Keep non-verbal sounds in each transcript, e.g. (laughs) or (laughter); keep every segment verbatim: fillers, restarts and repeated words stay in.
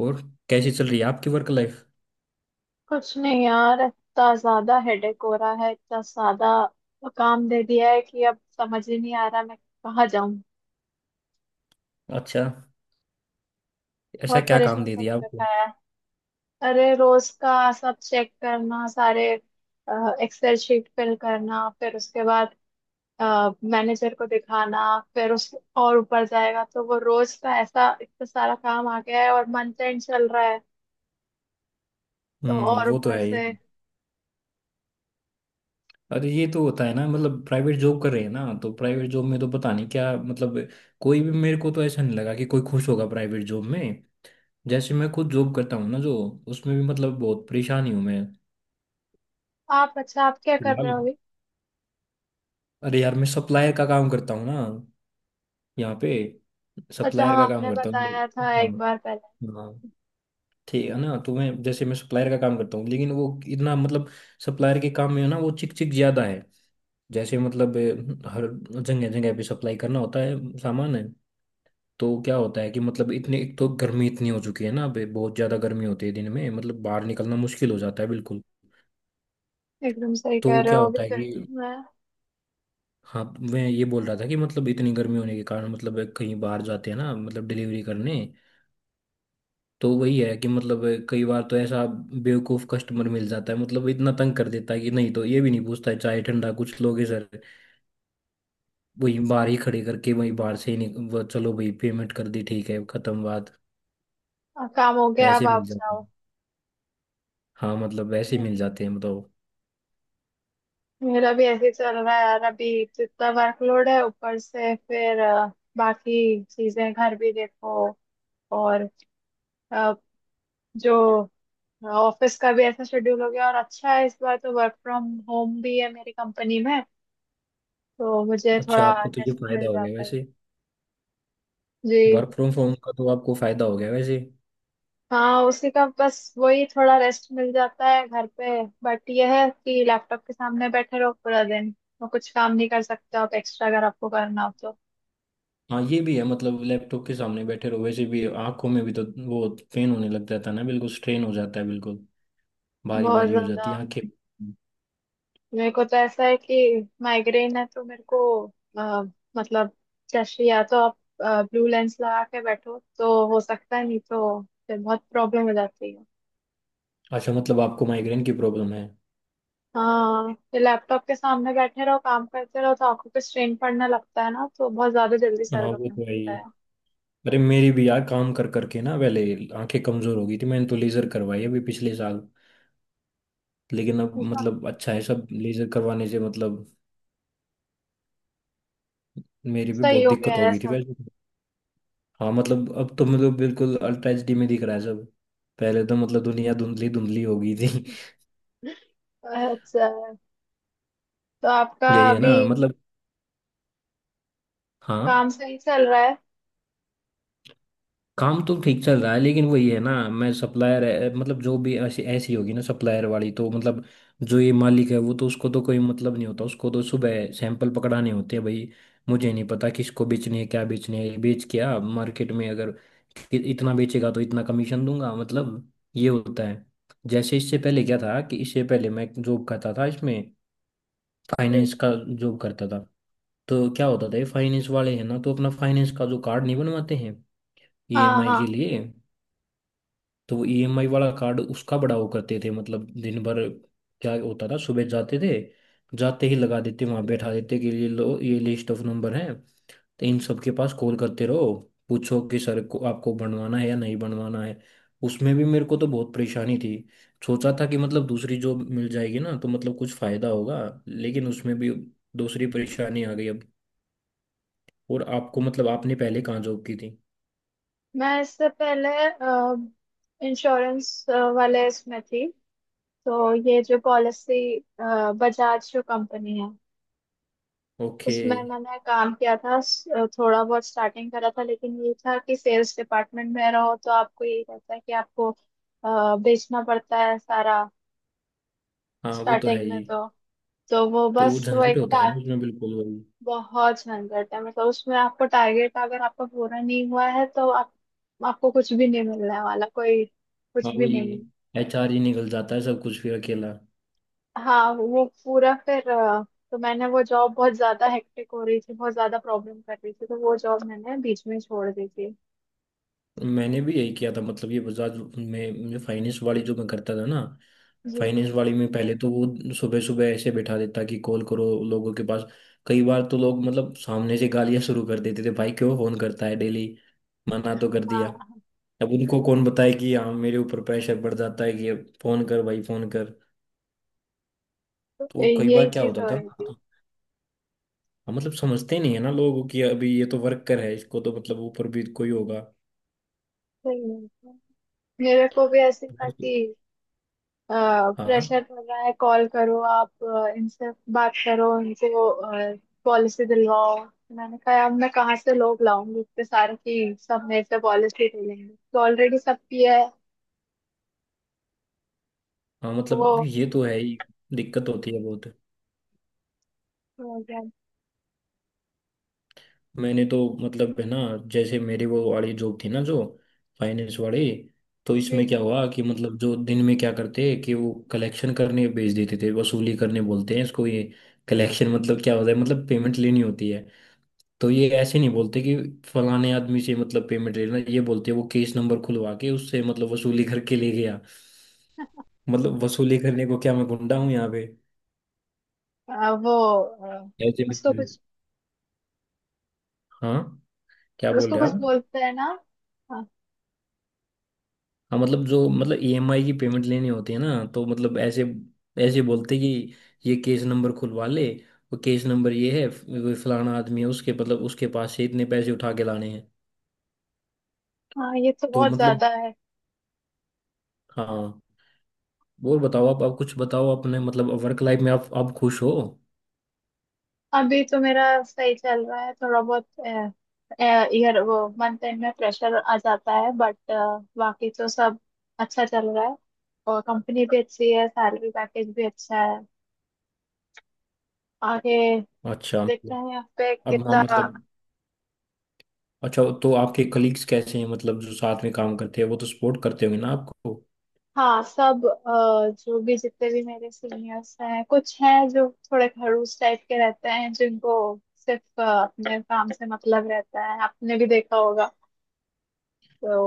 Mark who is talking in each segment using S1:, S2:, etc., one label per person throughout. S1: और कैसी चल रही है आपकी वर्क लाइफ।
S2: कुछ नहीं यार, इतना ज्यादा हेडेक हो रहा है। इतना ज्यादा काम दे दिया है कि अब समझ ही नहीं आ रहा मैं कहाँ जाऊं।
S1: अच्छा, ऐसा
S2: बहुत
S1: क्या काम
S2: परेशान
S1: दे दिया
S2: करके रखा
S1: आपको।
S2: है। अरे रोज का सब चेक करना, सारे एक्सेल शीट फिल करना, फिर उसके बाद मैनेजर को दिखाना, फिर उस और ऊपर जाएगा। तो वो रोज का ऐसा इतना सारा काम आ गया है और मंथ एंड चल रहा है। तो
S1: हम्म,
S2: और
S1: वो तो
S2: ऊपर
S1: है
S2: से
S1: ही। अरे ये तो होता है ना, मतलब प्राइवेट जॉब कर रहे हैं ना तो प्राइवेट जॉब में तो पता नहीं क्या मतलब। कोई भी, मेरे को तो ऐसा नहीं लगा कि कोई खुश होगा प्राइवेट जॉब में। जैसे मैं खुद जॉब करता हूँ ना, जो उसमें भी मतलब बहुत परेशानी हूँ मैं।
S2: आप, अच्छा आप क्या कर रहे
S1: फिलहाल
S2: हो अभी?
S1: अरे यार मैं सप्लायर का काम करता हूँ ना, यहाँ पे।
S2: अच्छा
S1: सप्लायर
S2: हाँ,
S1: का काम
S2: आपने
S1: करता
S2: बताया
S1: हूँ,
S2: था एक
S1: हाँ।
S2: बार पहले।
S1: हाँ ठीक है ना, तो मैं जैसे मैं सप्लायर का काम करता हूँ लेकिन वो इतना मतलब सप्लायर के काम में ना वो चिक चिक ज्यादा है। जैसे मतलब अ, हर जगह जगह पे सप्लाई करना होता है, सामान है। तो क्या होता है कि मतलब इतने एक तो गर्मी इतनी हो चुकी है ना, अबे बहुत ज्यादा गर्मी होती है दिन में, मतलब बाहर निकलना मुश्किल हो जाता है बिल्कुल।
S2: एकदम सही
S1: तो
S2: कह रहे
S1: क्या
S2: हो, अभी
S1: होता है कि
S2: गर्मी में
S1: हाँ, मैं ये बोल रहा था कि मतलब इतनी गर्मी होने के कारण मतलब कहीं बाहर जाते हैं ना, मतलब डिलीवरी करने। तो वही है कि मतलब कई बार तो ऐसा बेवकूफ कस्टमर मिल जाता है मतलब इतना तंग कर देता है कि नहीं, तो ये भी नहीं पूछता है चाय ठंडा, कुछ लोग है सर। वही बाहर ही खड़े करके, वही बाहर से ही निक- वो चलो भाई, पेमेंट कर दी, ठीक है, खत्म बात।
S2: अ, काम हो गया अब
S1: ऐसे मिल
S2: आप
S1: जाते
S2: जाओ।
S1: हैं। हाँ, मतलब ऐसे
S2: मे-
S1: मिल जाते हैं मतलब।
S2: मेरा भी ऐसे ही चल रहा है यार। अभी जितना वर्कलोड है ऊपर से, फिर अ, बाकी चीजें घर भी देखो और अ, जो ऑफिस का भी ऐसा शेड्यूल हो गया। और अच्छा है इस बार तो, वर्क फ्रॉम होम भी है मेरी कंपनी में, तो मुझे
S1: अच्छा,
S2: थोड़ा
S1: आपको तो ये
S2: रेस्ट
S1: फायदा
S2: मिल
S1: हो गया
S2: जाता है।
S1: वैसे।
S2: जी।
S1: वर्क फ्रॉम होम का तो आपको फायदा हो गया वैसे।
S2: हाँ, उसी का बस, वही थोड़ा रेस्ट मिल जाता है घर पे। बट यह है कि लैपटॉप के सामने बैठे रहो पूरा दिन, और कुछ काम नहीं कर सकते आप एक्स्ट्रा अगर आपको करना हो तो।
S1: हाँ ये भी है मतलब लैपटॉप के सामने बैठे रहो, वैसे भी आंखों में भी तो वो पेन होने लग जाता है ना, बिल्कुल स्ट्रेन हो जाता है बिल्कुल। भारी
S2: बहुत
S1: भारी हो
S2: ज्यादा।
S1: जाती है आंखें।
S2: मेरे को तो ऐसा है कि माइग्रेन है, तो मेरे को अ, मतलब जैसे या तो आप ब्लू लेंस लगा के बैठो तो हो सकता है, नहीं तो फिर बहुत प्रॉब्लम हो जाती है।
S1: अच्छा मतलब आपको माइग्रेन की प्रॉब्लम है।
S2: हाँ, फिर लैपटॉप के सामने बैठे रहो, काम करते रहो, तो आपको कुछ स्ट्रेन पड़ने लगता है ना, तो बहुत ज्यादा जल्दी
S1: हाँ
S2: सर
S1: वो
S2: दुखने
S1: तो है
S2: लगता
S1: ही। अरे मेरी भी यार काम कर करके ना पहले आंखें कमजोर हो गई थी, मैंने तो लेजर करवाई अभी पिछले साल। लेकिन अब
S2: है।
S1: मतलब अच्छा है सब लेजर करवाने से मतलब, मेरी भी
S2: सही
S1: बहुत
S2: हो गया
S1: दिक्कत हो
S2: है
S1: गई थी
S2: सब।
S1: वैसे तो। हाँ मतलब अब तो मतलब बिल्कुल अल्ट्रा एच डी में दिख रहा है सब। पहले तो मतलब दुनिया धुंधली धुंधली हो गई थी।
S2: अच्छा, तो आपका
S1: (laughs) यही है
S2: अभी
S1: ना मतलब।
S2: काम
S1: हाँ,
S2: सही चल रहा है।
S1: काम तो ठीक चल रहा है लेकिन वही है ना, मैं सप्लायर मतलब जो भी ऐसी ऐसी होगी ना सप्लायर वाली तो मतलब जो ये मालिक है वो तो उसको तो कोई मतलब नहीं होता, उसको तो सुबह सैंपल पकड़ाने होते हैं भाई। मुझे नहीं पता किसको बेचने है, क्या बेचने है, बेच क्या मार्केट में, अगर कि- इतना बेचेगा तो इतना कमीशन दूंगा मतलब ये होता है। जैसे इससे पहले क्या था कि इससे पहले मैं जॉब करता था इसमें,
S2: हम्म,
S1: फाइनेंस का जॉब करता था। तो क्या होता था ये फाइनेंस वाले हैं ना तो अपना फाइनेंस का जो कार्ड नहीं बनवाते हैं
S2: हाँ
S1: ई एम आई
S2: हाँ।
S1: के लिए, तो वो ई एम आई वाला कार्ड उसका बड़ा वो करते थे मतलब दिन भर। क्या होता था सुबह जाते थे, जाते ही लगा देते वहां बैठा देते कि ये लो ये लिस्ट ऑफ नंबर है, तो इन सबके पास कॉल करते रहो, पूछो कि सर को आपको बनवाना है या नहीं बनवाना है। उसमें भी मेरे को तो बहुत परेशानी थी। सोचा था कि मतलब दूसरी जॉब मिल जाएगी ना तो मतलब कुछ फायदा होगा, लेकिन उसमें भी दूसरी परेशानी आ गई अब। और आपको मतलब आपने पहले कहाँ जॉब की थी।
S2: मैं इससे पहले इंश्योरेंस वाले इसमें थी। तो ये जो पॉलिसी, बजाज जो कंपनी है,
S1: ओके।
S2: उसमें मैंने काम किया था। स- अ, थोड़ा बहुत स्टार्टिंग करा था। लेकिन ये था कि सेल्स डिपार्टमेंट में रहो तो आपको यही रहता है कि आपको अ, बेचना पड़ता है सारा
S1: हाँ वो तो है
S2: स्टार्टिंग में
S1: ही।
S2: तो। तो वो
S1: तो
S2: बस वो
S1: झंझट
S2: एक
S1: होता
S2: टा,
S1: है ना उसमें, बिल्कुल वही।
S2: बहुत झंझट है मतलब उसमें। आपको टारगेट अगर आपका पूरा नहीं हुआ है तो आप, आपको कुछ भी नहीं मिलने वाला, कोई
S1: हाँ
S2: कुछ भी
S1: वही,
S2: नहीं।
S1: एच आर ही निकल जाता है सब कुछ फिर अकेला।
S2: हाँ, वो पूरा फिर अ, तो मैंने वो जॉब, बहुत ज्यादा हेक्टिक हो रही थी, बहुत ज्यादा प्रॉब्लम कर रही थी, तो वो जॉब मैंने बीच में छोड़ दी थी।
S1: मैंने भी यही किया था मतलब, ये बजाज में मुझे फाइनेंस वाली जो मैं करता था ना,
S2: जी।
S1: फाइनेंस वाली में पहले तो वो सुबह सुबह ऐसे बैठा देता कि कॉल करो लोगों के पास। कई बार तो लोग मतलब सामने से गालियां शुरू कर देते थे, भाई क्यों फोन करता है डेली, मना तो कर दिया।
S2: हाँ,
S1: अब उनको कौन बताए कि हाँ मेरे ऊपर प्रेशर पड़ जाता है कि फोन कर भाई फोन कर। तो
S2: तो
S1: और कई बार
S2: यही
S1: क्या
S2: चीज
S1: होता
S2: हो
S1: था
S2: रही थी।
S1: ना, हाँ, मतलब समझते नहीं है ना लोग कि अभी ये तो वर्कर है, इसको तो मतलब ऊपर भी कोई होगा।
S2: सही है। मेरे को भी ऐसी था कि
S1: हाँ
S2: प्रेशर पड़ रहा है, कॉल करो आप, अ, इनसे बात करो, इनसे पॉलिसी दिलवाओ। मैंने कहा अब मैं कहाँ से लोग लाऊंगी इतने सारे की सब मेरे से पॉलिसी ले लेंगे, तो ऑलरेडी सब किया है।
S1: हाँ,
S2: तो वो,
S1: मतलब ये तो है ही, दिक्कत होती है बहुत।
S2: वो क्या-
S1: मैंने तो मतलब है ना, जैसे मेरी वो वाली जॉब थी ना जो फाइनेंस वाली, तो इसमें
S2: जी।
S1: क्या हुआ कि मतलब जो दिन में क्या करते कि वो कलेक्शन करने भेज देते थे, वसूली करने बोलते हैं इसको ये। कलेक्शन मतलब क्या होता है, मतलब पेमेंट लेनी होती है। तो ये ऐसे नहीं बोलते कि फलाने आदमी से मतलब पेमेंट लेना, ये बोलते हैं वो केस नंबर खुलवा के उससे मतलब वसूली करके ले गया। मतलब वसूली करने को क्या मैं गुंडा हूँ यहाँ पे।
S2: अ, वो अ,
S1: ऐसे भी-
S2: उसको कुछ,
S1: हाँ क्या बोल
S2: उसको
S1: रहे हैं
S2: कुछ
S1: आप।
S2: बोलते हैं ना। हाँ।
S1: हाँ मतलब जो मतलब ई एम आई की पेमेंट लेनी होती है ना तो मतलब ऐसे ऐसे बोलते कि ये केस नंबर खुलवा ले, वो केस नंबर ये है, वो फलाना आदमी है उसके मतलब उसके पास से इतने पैसे उठा के लाने हैं।
S2: हाँ, ये तो
S1: तो
S2: बहुत
S1: मतलब
S2: ज्यादा है।
S1: हाँ, और बताओ आप आप कुछ बताओ अपने मतलब वर्क लाइफ में आप आप खुश हो।
S2: अभी तो मेरा सही चल रहा है थोड़ा बहुत। ईयर, वो मंथ एंड में प्रेशर आ जाता है, बट बाकी तो सब अच्छा चल रहा है। और कंपनी भी अच्छी है, सैलरी पैकेज भी अच्छा है। आगे
S1: अच्छा
S2: देखते
S1: मतलब
S2: हैं यहाँ पे
S1: अब, हाँ
S2: कितना।
S1: मतलब, अच्छा तो आपके कलीग्स कैसे हैं, मतलब जो साथ में काम करते हैं वो तो सपोर्ट करते होंगे ना आपको।
S2: हाँ, सब अ, जो भी जितने भी मेरे सीनियर्स हैं, कुछ हैं जो थोड़े खड़ूस टाइप के रहते हैं, जिनको सिर्फ अ, अपने काम से मतलब रहता है। आपने भी देखा होगा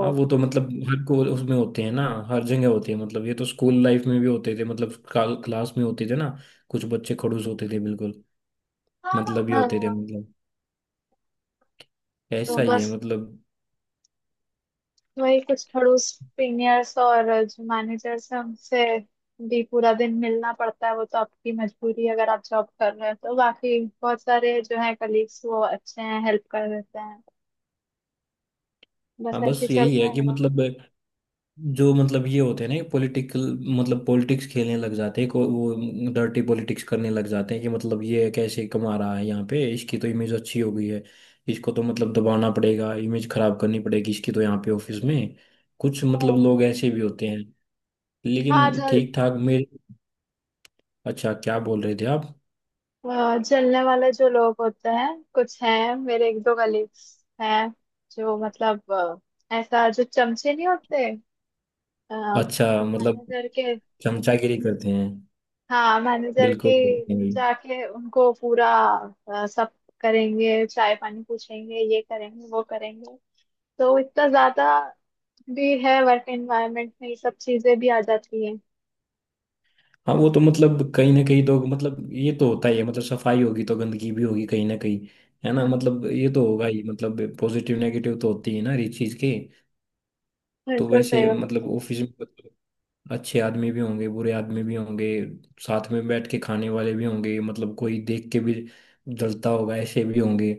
S1: हाँ वो तो मतलब हर को उसमें होते हैं ना, हर जगह होते हैं मतलब। ये तो स्कूल लाइफ में भी होते थे, मतलब क्लास में होते थे ना, कुछ बच्चे खड़ूस होते थे बिल्कुल। मतलब ये होते थे
S2: हाँ।
S1: मतलब
S2: तो
S1: ऐसा ही है
S2: बस
S1: मतलब।
S2: वही कुछ पड़ोस, सीनियर्स और जो मैनेजर, से उनसे भी पूरा दिन मिलना पड़ता है, वो तो आपकी मजबूरी है अगर आप जॉब कर रहे हो तो। बाकी बहुत सारे जो है कलीग्स वो अच्छे हैं, हेल्प कर देते हैं। बस
S1: हाँ
S2: ऐसे
S1: बस
S2: ही चल
S1: यही
S2: रहा
S1: है
S2: है
S1: कि
S2: मेरा।
S1: मतलब जो मतलब ये होते हैं ना पॉलिटिकल, मतलब पॉलिटिक्स खेलने लग जाते हैं को, वो डर्टी पॉलिटिक्स करने लग जाते हैं कि मतलब ये कैसे कमा रहा है यहाँ पे, इसकी तो इमेज अच्छी हो गई है, इसको तो मतलब दबाना पड़ेगा, इमेज खराब करनी पड़ेगी इसकी, तो यहाँ पे ऑफिस में कुछ मतलब
S2: हाँ।
S1: लोग ऐसे भी होते हैं।
S2: हाँ,
S1: लेकिन
S2: जल
S1: ठीक ठाक मेरे। अच्छा क्या बोल रहे थे आप।
S2: अ, जलने वाले जो लोग होते हैं, कुछ हैं मेरे एक दो कलीग्स हैं जो मतलब अ, ऐसा जो चमचे नहीं होते
S1: अच्छा मतलब,
S2: मैनेजर के।
S1: चमचागिरी करते हैं
S2: हाँ, मैनेजर के
S1: बिल्कुल नहीं।
S2: जाके उनको पूरा अ, सब करेंगे, चाय पानी पूछेंगे, ये करेंगे वो करेंगे। तो इतना ज्यादा भी है, वर्क एनवायरनमेंट में ये सब चीजें भी आ जाती हैं।
S1: हाँ वो तो मतलब कहीं ना कहीं तो मतलब ये तो होता ही है, मतलब सफाई होगी तो गंदगी भी होगी कहीं ना कहीं, है ना
S2: (laughs)
S1: मतलब ये तो होगा ही, मतलब पॉजिटिव नेगेटिव तो होती है ना हर चीज के। तो
S2: बिल्कुल सही
S1: वैसे मतलब
S2: बात
S1: ऑफिस में मतलब अच्छे आदमी भी होंगे, बुरे आदमी भी होंगे, साथ में बैठ के खाने वाले भी होंगे, मतलब कोई देख के भी जलता होगा, ऐसे भी होंगे।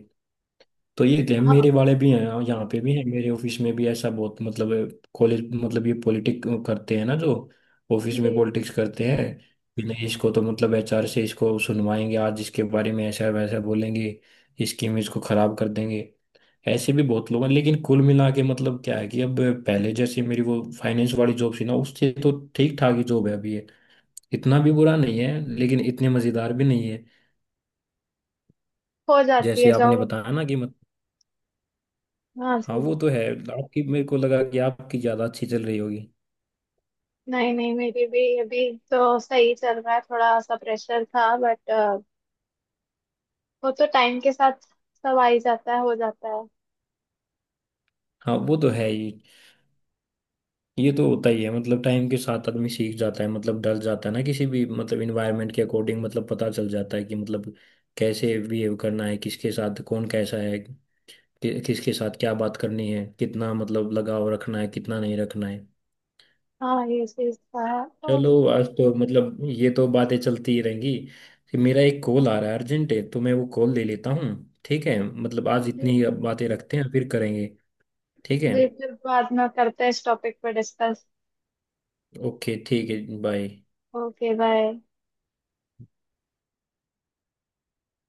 S1: तो ये थे
S2: है। हाँ
S1: मेरे वाले भी हैं, यहाँ पे भी हैं, मेरे ऑफिस में भी ऐसा बहुत, मतलब कॉलेज मतलब ये पॉलिटिक करते हैं ना, जो ऑफिस
S2: जी,
S1: में पॉलिटिक्स करते हैं कि नहीं इसको तो मतलब एच आर से इसको सुनवाएंगे आज, इसके बारे में ऐसा वैसा बोलेंगे, इसकी इमेज को खराब कर देंगे। ऐसे भी बहुत लोग हैं, लेकिन कुल मिला के मतलब क्या है कि अब पहले जैसे मेरी वो फाइनेंस वाली जॉब थी ना उससे तो ठीक ठाक ही जॉब है अभी ये, इतना भी बुरा नहीं है लेकिन इतने मजेदार भी नहीं है,
S2: हो जाती
S1: जैसे
S2: है
S1: आपने
S2: जॉब।
S1: बताया ना कि।
S2: हाँ
S1: हाँ
S2: जी,
S1: वो तो है आपकी, मेरे को लगा कि आपकी ज्यादा अच्छी चल रही होगी।
S2: नहीं नहीं, मेरी भी अभी तो सही चल रहा है। थोड़ा सा प्रेशर था बट वो तो टाइम के साथ सब आ ही जाता है, हो जाता है।
S1: हाँ वो तो है ही, ये तो होता ही है मतलब टाइम के साथ आदमी सीख जाता है, मतलब ढल जाता है ना किसी भी मतलब इन्वायरमेंट के अकॉर्डिंग, मतलब पता चल जाता है कि मतलब कैसे बिहेव करना है किसके साथ, कौन कैसा है, कि, किसके साथ क्या बात करनी है, कितना मतलब लगाव रखना है कितना नहीं रखना है।
S2: हाँ, ये चीज था तो।
S1: चलो आज तो मतलब ये तो बातें चलती ही रहेंगी, कि मेरा एक कॉल आ रहा है अर्जेंट है, तो मैं वो कॉल ले लेता हूँ। ठीक है मतलब आज इतनी
S2: जी,
S1: बातें रखते हैं, फिर करेंगे ठीक है,
S2: जी फिर बाद में करते हैं इस टॉपिक पर डिस्कस।
S1: ओके ठीक है बाय।
S2: Okay, bye.